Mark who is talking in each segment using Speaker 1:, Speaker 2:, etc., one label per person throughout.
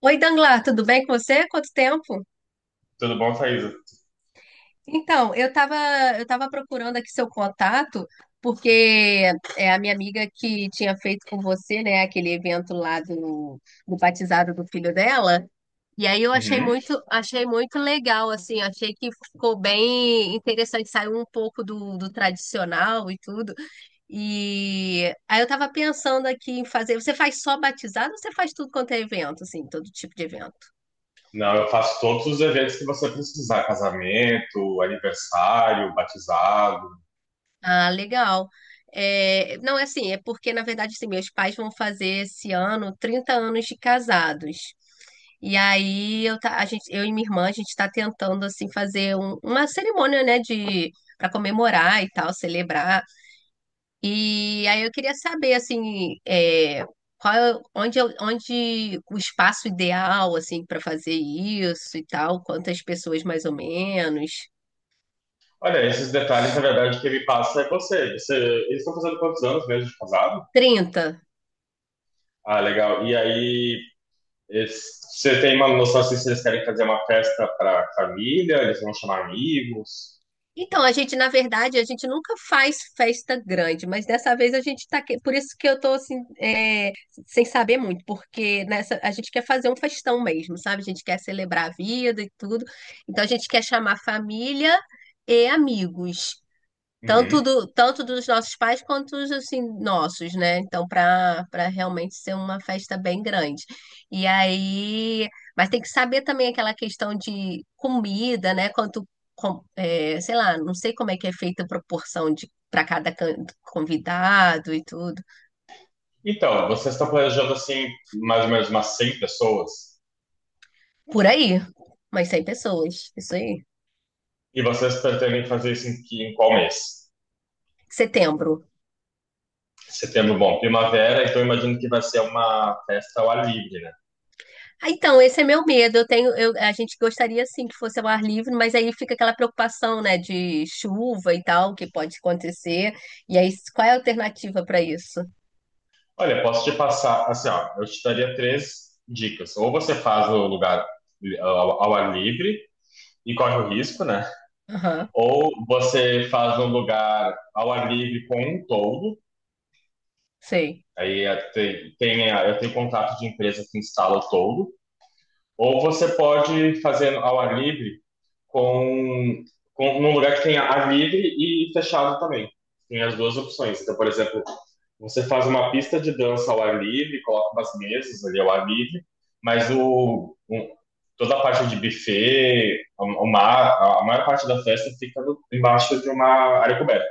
Speaker 1: Oi, Danglar, tudo bem com você? Quanto tempo?
Speaker 2: Tudo bom, Thaisa?
Speaker 1: Então, eu tava procurando aqui seu contato, porque é a minha amiga que tinha feito com você, né, aquele evento lá do, do batizado do filho dela. E aí eu
Speaker 2: Uhum.
Speaker 1: achei muito legal, assim, achei que ficou bem interessante, saiu um pouco do, do tradicional e tudo. E aí eu tava pensando aqui em fazer, você faz só batizado ou você faz tudo quanto é evento, assim, todo tipo de evento?
Speaker 2: Não, eu faço todos os eventos que você precisar, casamento, aniversário, batizado.
Speaker 1: Ah, legal. É, não, é assim, é porque, na verdade, assim, meus pais vão fazer esse ano 30 anos de casados. E aí a gente, eu e minha irmã, a gente está tentando assim fazer uma cerimônia, né, de para comemorar e tal, celebrar. E aí eu queria saber assim, qual, é- onde, eu- onde o espaço ideal assim para fazer isso e tal, quantas pessoas mais ou menos?
Speaker 2: Olha, esses detalhes, na verdade, quem me passa é você. Eles estão fazendo quantos anos mesmo de casado?
Speaker 1: 30.
Speaker 2: Ah, legal. E aí, você tem uma noção assim, se eles querem fazer uma festa para família, eles vão chamar amigos?
Speaker 1: Então, a gente, na verdade, a gente nunca faz festa grande, mas dessa vez a gente tá. Por isso que eu tô assim, sem saber muito, porque nessa a gente quer fazer um festão mesmo, sabe? A gente quer celebrar a vida e tudo. Então a gente quer chamar família e amigos.
Speaker 2: Uhum.
Speaker 1: Tanto dos nossos pais quanto os assim, nossos, né? Então, para realmente ser uma festa bem grande. E aí, mas tem que saber também aquela questão de comida, né? Quanto, sei lá, não sei como é que é feita a proporção de para cada convidado e tudo.
Speaker 2: Então, vocês estão planejando assim, mais ou menos umas 100 pessoas?
Speaker 1: Por aí, umas 100 pessoas, isso aí.
Speaker 2: E vocês pretendem fazer isso em, em qual mês?
Speaker 1: Setembro.
Speaker 2: Setembro, bom, primavera, então imagino que vai ser uma festa ao ar livre, né?
Speaker 1: Ah, então, esse é meu medo. A gente gostaria sim que fosse ao ar livre, mas aí fica aquela preocupação, né, de chuva e tal, que pode acontecer. E aí, qual é a alternativa para isso?
Speaker 2: Olha, posso te passar, assim, ó, eu te daria três dicas. Ou você faz o lugar ao ar livre e corre o risco, né?
Speaker 1: Aham,
Speaker 2: Ou você faz um lugar ao ar livre com um toldo,
Speaker 1: sei.
Speaker 2: aí eu tenho contato de empresa que instala o toldo. Ou você pode fazer ao ar livre com, com num lugar que tenha ar livre e fechado também. Tem as duas opções. Então, por exemplo, você faz uma pista de dança ao ar livre, coloca umas mesas ali ao ar livre, mas toda a parte de buffet, a maior parte da festa fica embaixo de uma área coberta.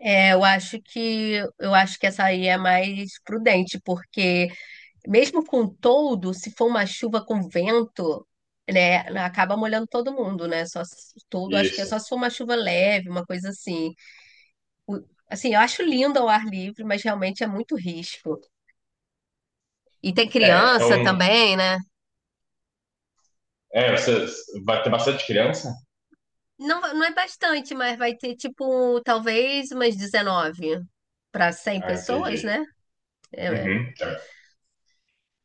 Speaker 1: É, eu acho que essa aí é mais prudente, porque mesmo com todo, se for uma chuva com vento, né, acaba molhando todo mundo, né? Só se- todo, Acho que é
Speaker 2: Isso.
Speaker 1: só se for uma chuva leve, uma coisa assim. O- Assim, eu acho lindo ao ar livre, mas realmente é muito risco. E tem
Speaker 2: É, então,
Speaker 1: criança também, né?
Speaker 2: você vai ter bastante criança?
Speaker 1: Não, não é bastante, mas vai ter tipo, talvez umas 19 para 100
Speaker 2: Ah,
Speaker 1: pessoas,
Speaker 2: entendi.
Speaker 1: né? É. É.
Speaker 2: Uhum, tá.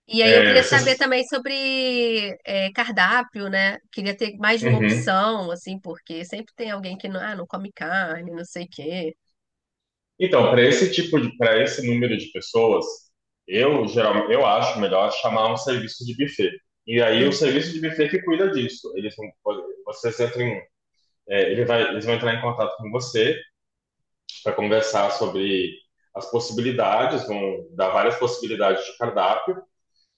Speaker 1: E aí eu
Speaker 2: É,
Speaker 1: queria saber
Speaker 2: vocês,
Speaker 1: também sobre cardápio, né? Queria ter mais de uma
Speaker 2: uhum.
Speaker 1: opção, assim, porque sempre tem alguém que não, ah, não come carne, não sei o quê.
Speaker 2: Então, para esse número de pessoas, eu acho melhor chamar um serviço de buffet. E aí o
Speaker 1: Hum,
Speaker 2: serviço de buffet que cuida disso. Eles vão, vocês entram, Eles vão entrar em contato com você para conversar sobre as possibilidades, vão dar várias possibilidades de cardápio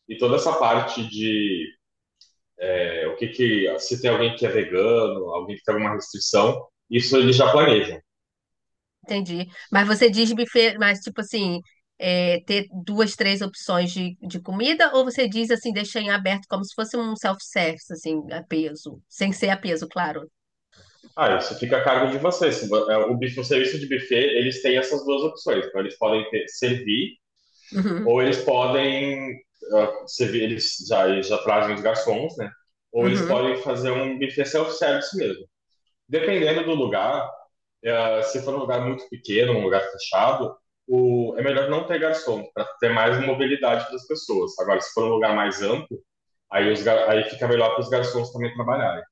Speaker 2: e toda essa parte de o que que se tem alguém que é vegano, alguém que tem alguma restrição, isso eles já planejam.
Speaker 1: entendi. Mas você diz buffet, mas tipo assim, ter duas, três opções de comida, ou você diz assim, deixa em aberto como se fosse um self-service, assim, a peso, sem ser a peso, claro.
Speaker 2: Ah, isso fica a cargo de vocês. Se vo- é, O buf- o serviço de buffet, eles têm essas duas opções. Então, eles podem servir
Speaker 1: Uhum,
Speaker 2: ou eles podem servir, eles já trazem os garçons, né? Ou eles
Speaker 1: uhum.
Speaker 2: podem fazer um buffet self-service mesmo. Dependendo do lugar, se for um lugar muito pequeno, um lugar fechado, é melhor não ter garçom para ter mais mobilidade das pessoas. Agora, se for um lugar mais amplo, aí fica melhor para os garçons também trabalharem.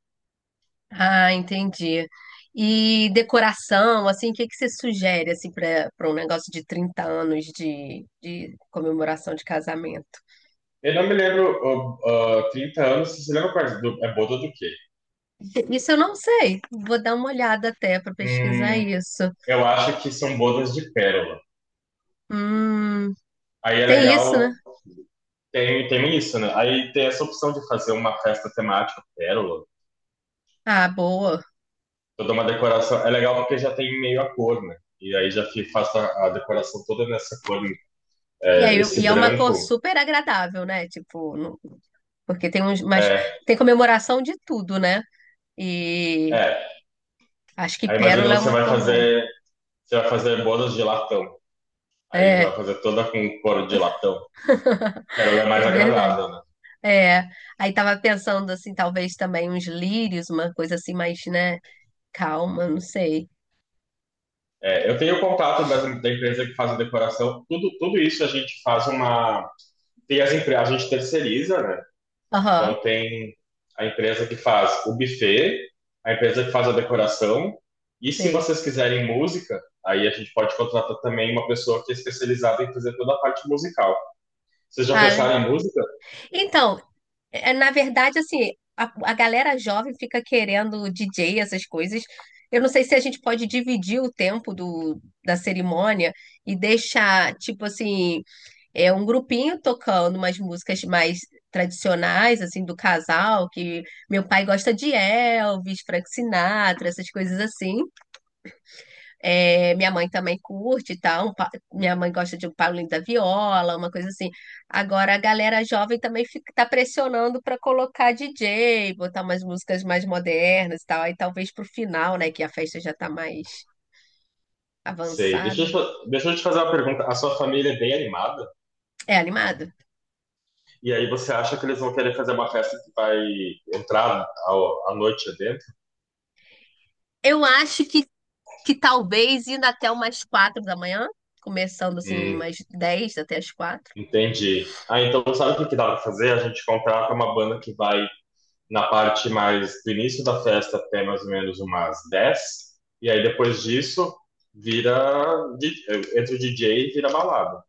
Speaker 1: Ah, entendi. E decoração, assim, o que que você sugere assim para um negócio de 30 anos de comemoração de casamento?
Speaker 2: Eu não me lembro 30 anos, você se lembra quais? É boda do quê?
Speaker 1: Isso eu não sei. Vou dar uma olhada até para pesquisar
Speaker 2: Hum,
Speaker 1: isso.
Speaker 2: eu acho que são bodas de pérola.
Speaker 1: Hum,
Speaker 2: Aí é
Speaker 1: tem isso, né?
Speaker 2: legal, tem isso, né? Aí tem essa opção de fazer uma festa temática pérola,
Speaker 1: Ah, boa.
Speaker 2: toda uma decoração. É legal porque já tem meio a cor, né? E aí faço a decoração toda nessa cor, né?
Speaker 1: E aí,
Speaker 2: é,
Speaker 1: e
Speaker 2: esse
Speaker 1: é uma cor
Speaker 2: branco.
Speaker 1: super agradável, né? Tipo, porque tem uns, mas
Speaker 2: É,
Speaker 1: tem comemoração de tudo, né? E
Speaker 2: é.
Speaker 1: acho que
Speaker 2: Aí imagina
Speaker 1: pérola é uma cor boa.
Speaker 2: você vai fazer bodas de latão. Aí já vai
Speaker 1: É,
Speaker 2: fazer toda com couro de latão. Pérola é mais
Speaker 1: é verdade.
Speaker 2: agradável, né?
Speaker 1: É, aí tava pensando assim, talvez também uns lírios, uma coisa assim mais, né, calma, não sei.
Speaker 2: É, eu tenho contato da empresa que faz a decoração. Tudo, tudo isso a gente faz uma. Tem as empresas, a gente terceiriza, né? Então
Speaker 1: Aham,
Speaker 2: tem a empresa que faz o buffet, a empresa que faz a decoração. E se
Speaker 1: sei.
Speaker 2: vocês quiserem música, aí a gente pode contratar também uma pessoa que é especializada em fazer toda a parte musical. Vocês já
Speaker 1: Ah, né?
Speaker 2: pensaram em música?
Speaker 1: Então, na verdade, assim, a, a galera jovem fica querendo DJ, essas coisas. Eu não sei se a gente pode dividir o tempo da cerimônia e deixar, tipo assim, um grupinho tocando umas músicas mais tradicionais, assim, do casal, que meu pai gosta de Elvis, Frank Sinatra, essas coisas assim. É, minha mãe também curte e tal. Minha mãe gosta de um Paulinho da Viola, uma coisa assim. Agora a galera jovem também fica, tá pressionando para colocar DJ, botar umas músicas mais modernas e tal. Aí talvez pro final, né, que a festa já tá mais
Speaker 2: Sei. Deixa eu, te-
Speaker 1: avançada.
Speaker 2: fa- deixa eu te fazer uma pergunta. A sua família é bem animada?
Speaker 1: É animado?
Speaker 2: E aí você acha que eles vão querer fazer uma festa que vai entrar à noite dentro?
Speaker 1: Eu acho que talvez indo até umas 4 da manhã, começando assim umas 10 até as 4.
Speaker 2: Entendi. Ah, então sabe o que que dá para fazer? A gente contrata uma banda que vai na parte mais do início da festa até mais ou menos umas 10, e aí depois disso vira, di- entra o DJ e vira balada.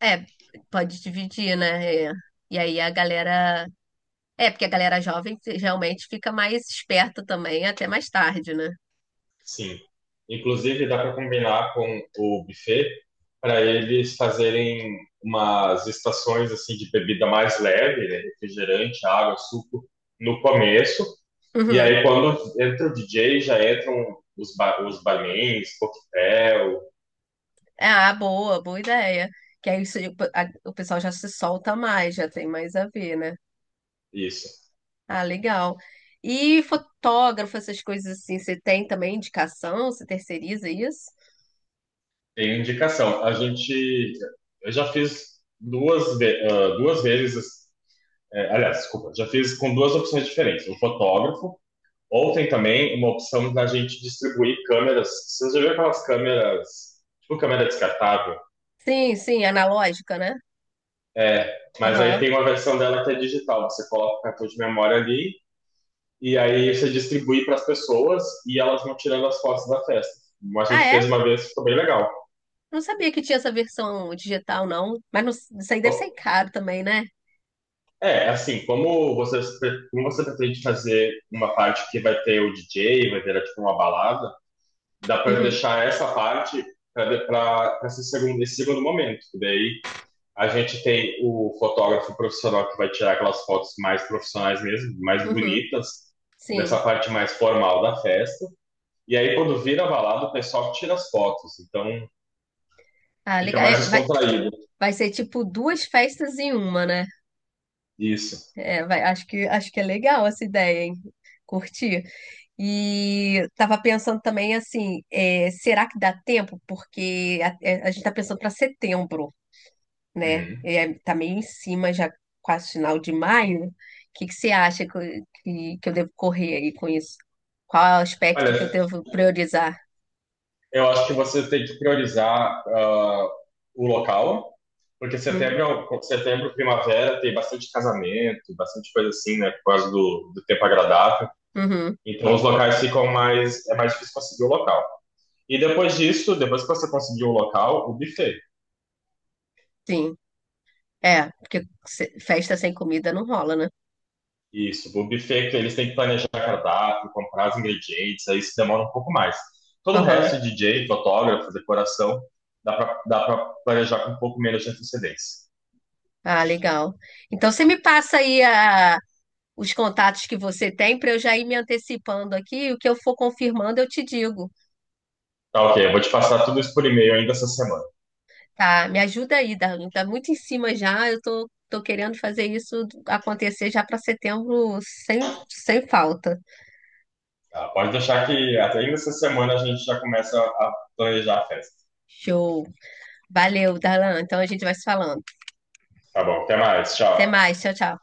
Speaker 1: É, pode dividir, né? É. E aí a galera. É, porque a galera jovem realmente fica mais esperta também até mais tarde, né?
Speaker 2: Sim. Inclusive, dá para combinar com o buffet para eles fazerem umas estações assim de bebida mais leve, né? Refrigerante, água, suco, no começo. E
Speaker 1: Uhum.
Speaker 2: aí, quando entra o DJ, já entram os barmans, coquetel,
Speaker 1: É, ah, boa, boa ideia. Que aí o pessoal já se solta mais, já tem mais a ver, né?
Speaker 2: isso.
Speaker 1: Ah, legal. E fotógrafo, essas coisas assim, você tem também indicação? Você terceiriza isso?
Speaker 2: Tem indicação. Eu já fiz duas vezes, aliás, desculpa, já fiz com duas opções diferentes. O fotógrafo Ontem também, uma opção da gente distribuir câmeras. Vocês já viram aquelas câmeras, tipo câmera descartável?
Speaker 1: Sim, sim, analógica, né?
Speaker 2: É, mas aí
Speaker 1: Aham.
Speaker 2: tem uma versão dela que é digital. Você coloca o cartão de memória ali e aí você distribui para as pessoas e elas vão tirando as fotos da festa. Como a
Speaker 1: Ah,
Speaker 2: gente fez
Speaker 1: é?
Speaker 2: uma vez, ficou bem legal.
Speaker 1: Não sabia que tinha essa versão digital, não. Mas isso aí deve ser caro também, né?
Speaker 2: É, assim, como você pretende fazer uma parte que vai ter o DJ, vai ter tipo uma balada, dá para
Speaker 1: Uhum,
Speaker 2: deixar essa parte para esse segundo momento, que daí a gente tem o fotógrafo profissional que vai tirar aquelas fotos mais profissionais mesmo, mais
Speaker 1: uhum,
Speaker 2: bonitas,
Speaker 1: sim.
Speaker 2: nessa parte mais formal da festa. E aí, quando vira balada, o pessoal tira as fotos. Então,
Speaker 1: Ah,
Speaker 2: fica
Speaker 1: legal.
Speaker 2: mais
Speaker 1: É, vai-
Speaker 2: descontraído.
Speaker 1: Vai ser tipo duas festas em uma, né?
Speaker 2: Isso.
Speaker 1: É, acho que é legal essa ideia, hein? Curti. E tava pensando também assim, será que dá tempo? Porque a gente tá pensando para setembro, né?
Speaker 2: Uhum.
Speaker 1: É, tá meio em cima, já quase final de maio. O que que você acha que eu devo correr aí com isso? Qual é o aspecto que eu
Speaker 2: Olha,
Speaker 1: devo priorizar?
Speaker 2: eu acho que você tem que priorizar o local, porque
Speaker 1: Hum,
Speaker 2: setembro, primavera, tem bastante casamento, bastante coisa assim, né? Por causa do tempo agradável.
Speaker 1: uhum,
Speaker 2: Então, os locais ficam mais. É mais difícil conseguir o local. E depois disso, depois que você conseguiu o local, o buffet.
Speaker 1: sim. É, porque festa sem comida não rola, né?
Speaker 2: Isso, o buffet que eles têm que planejar cardápio, comprar os ingredientes, aí isso demora um pouco mais. Todo o
Speaker 1: Aham.
Speaker 2: resto, DJ, fotógrafo, decoração, dá pra planejar com um pouco menos de antecedência.
Speaker 1: Ah, legal. Então você me passa aí os contatos que você tem para eu já ir me antecipando aqui. O que eu for confirmando, eu te digo.
Speaker 2: Tá ok, eu vou te passar tudo isso por e-mail ainda essa semana.
Speaker 1: Tá? Me ajuda aí, Darlene. Tá muito em cima já. Eu tô querendo fazer isso acontecer já para setembro sem falta.
Speaker 2: Tá, pode deixar que até ainda essa semana a gente já começa a planejar a festa.
Speaker 1: Show. Valeu, Darlan. Então a gente vai se falando.
Speaker 2: Tá bom, até mais,
Speaker 1: Até
Speaker 2: tchau.
Speaker 1: mais. Tchau, tchau.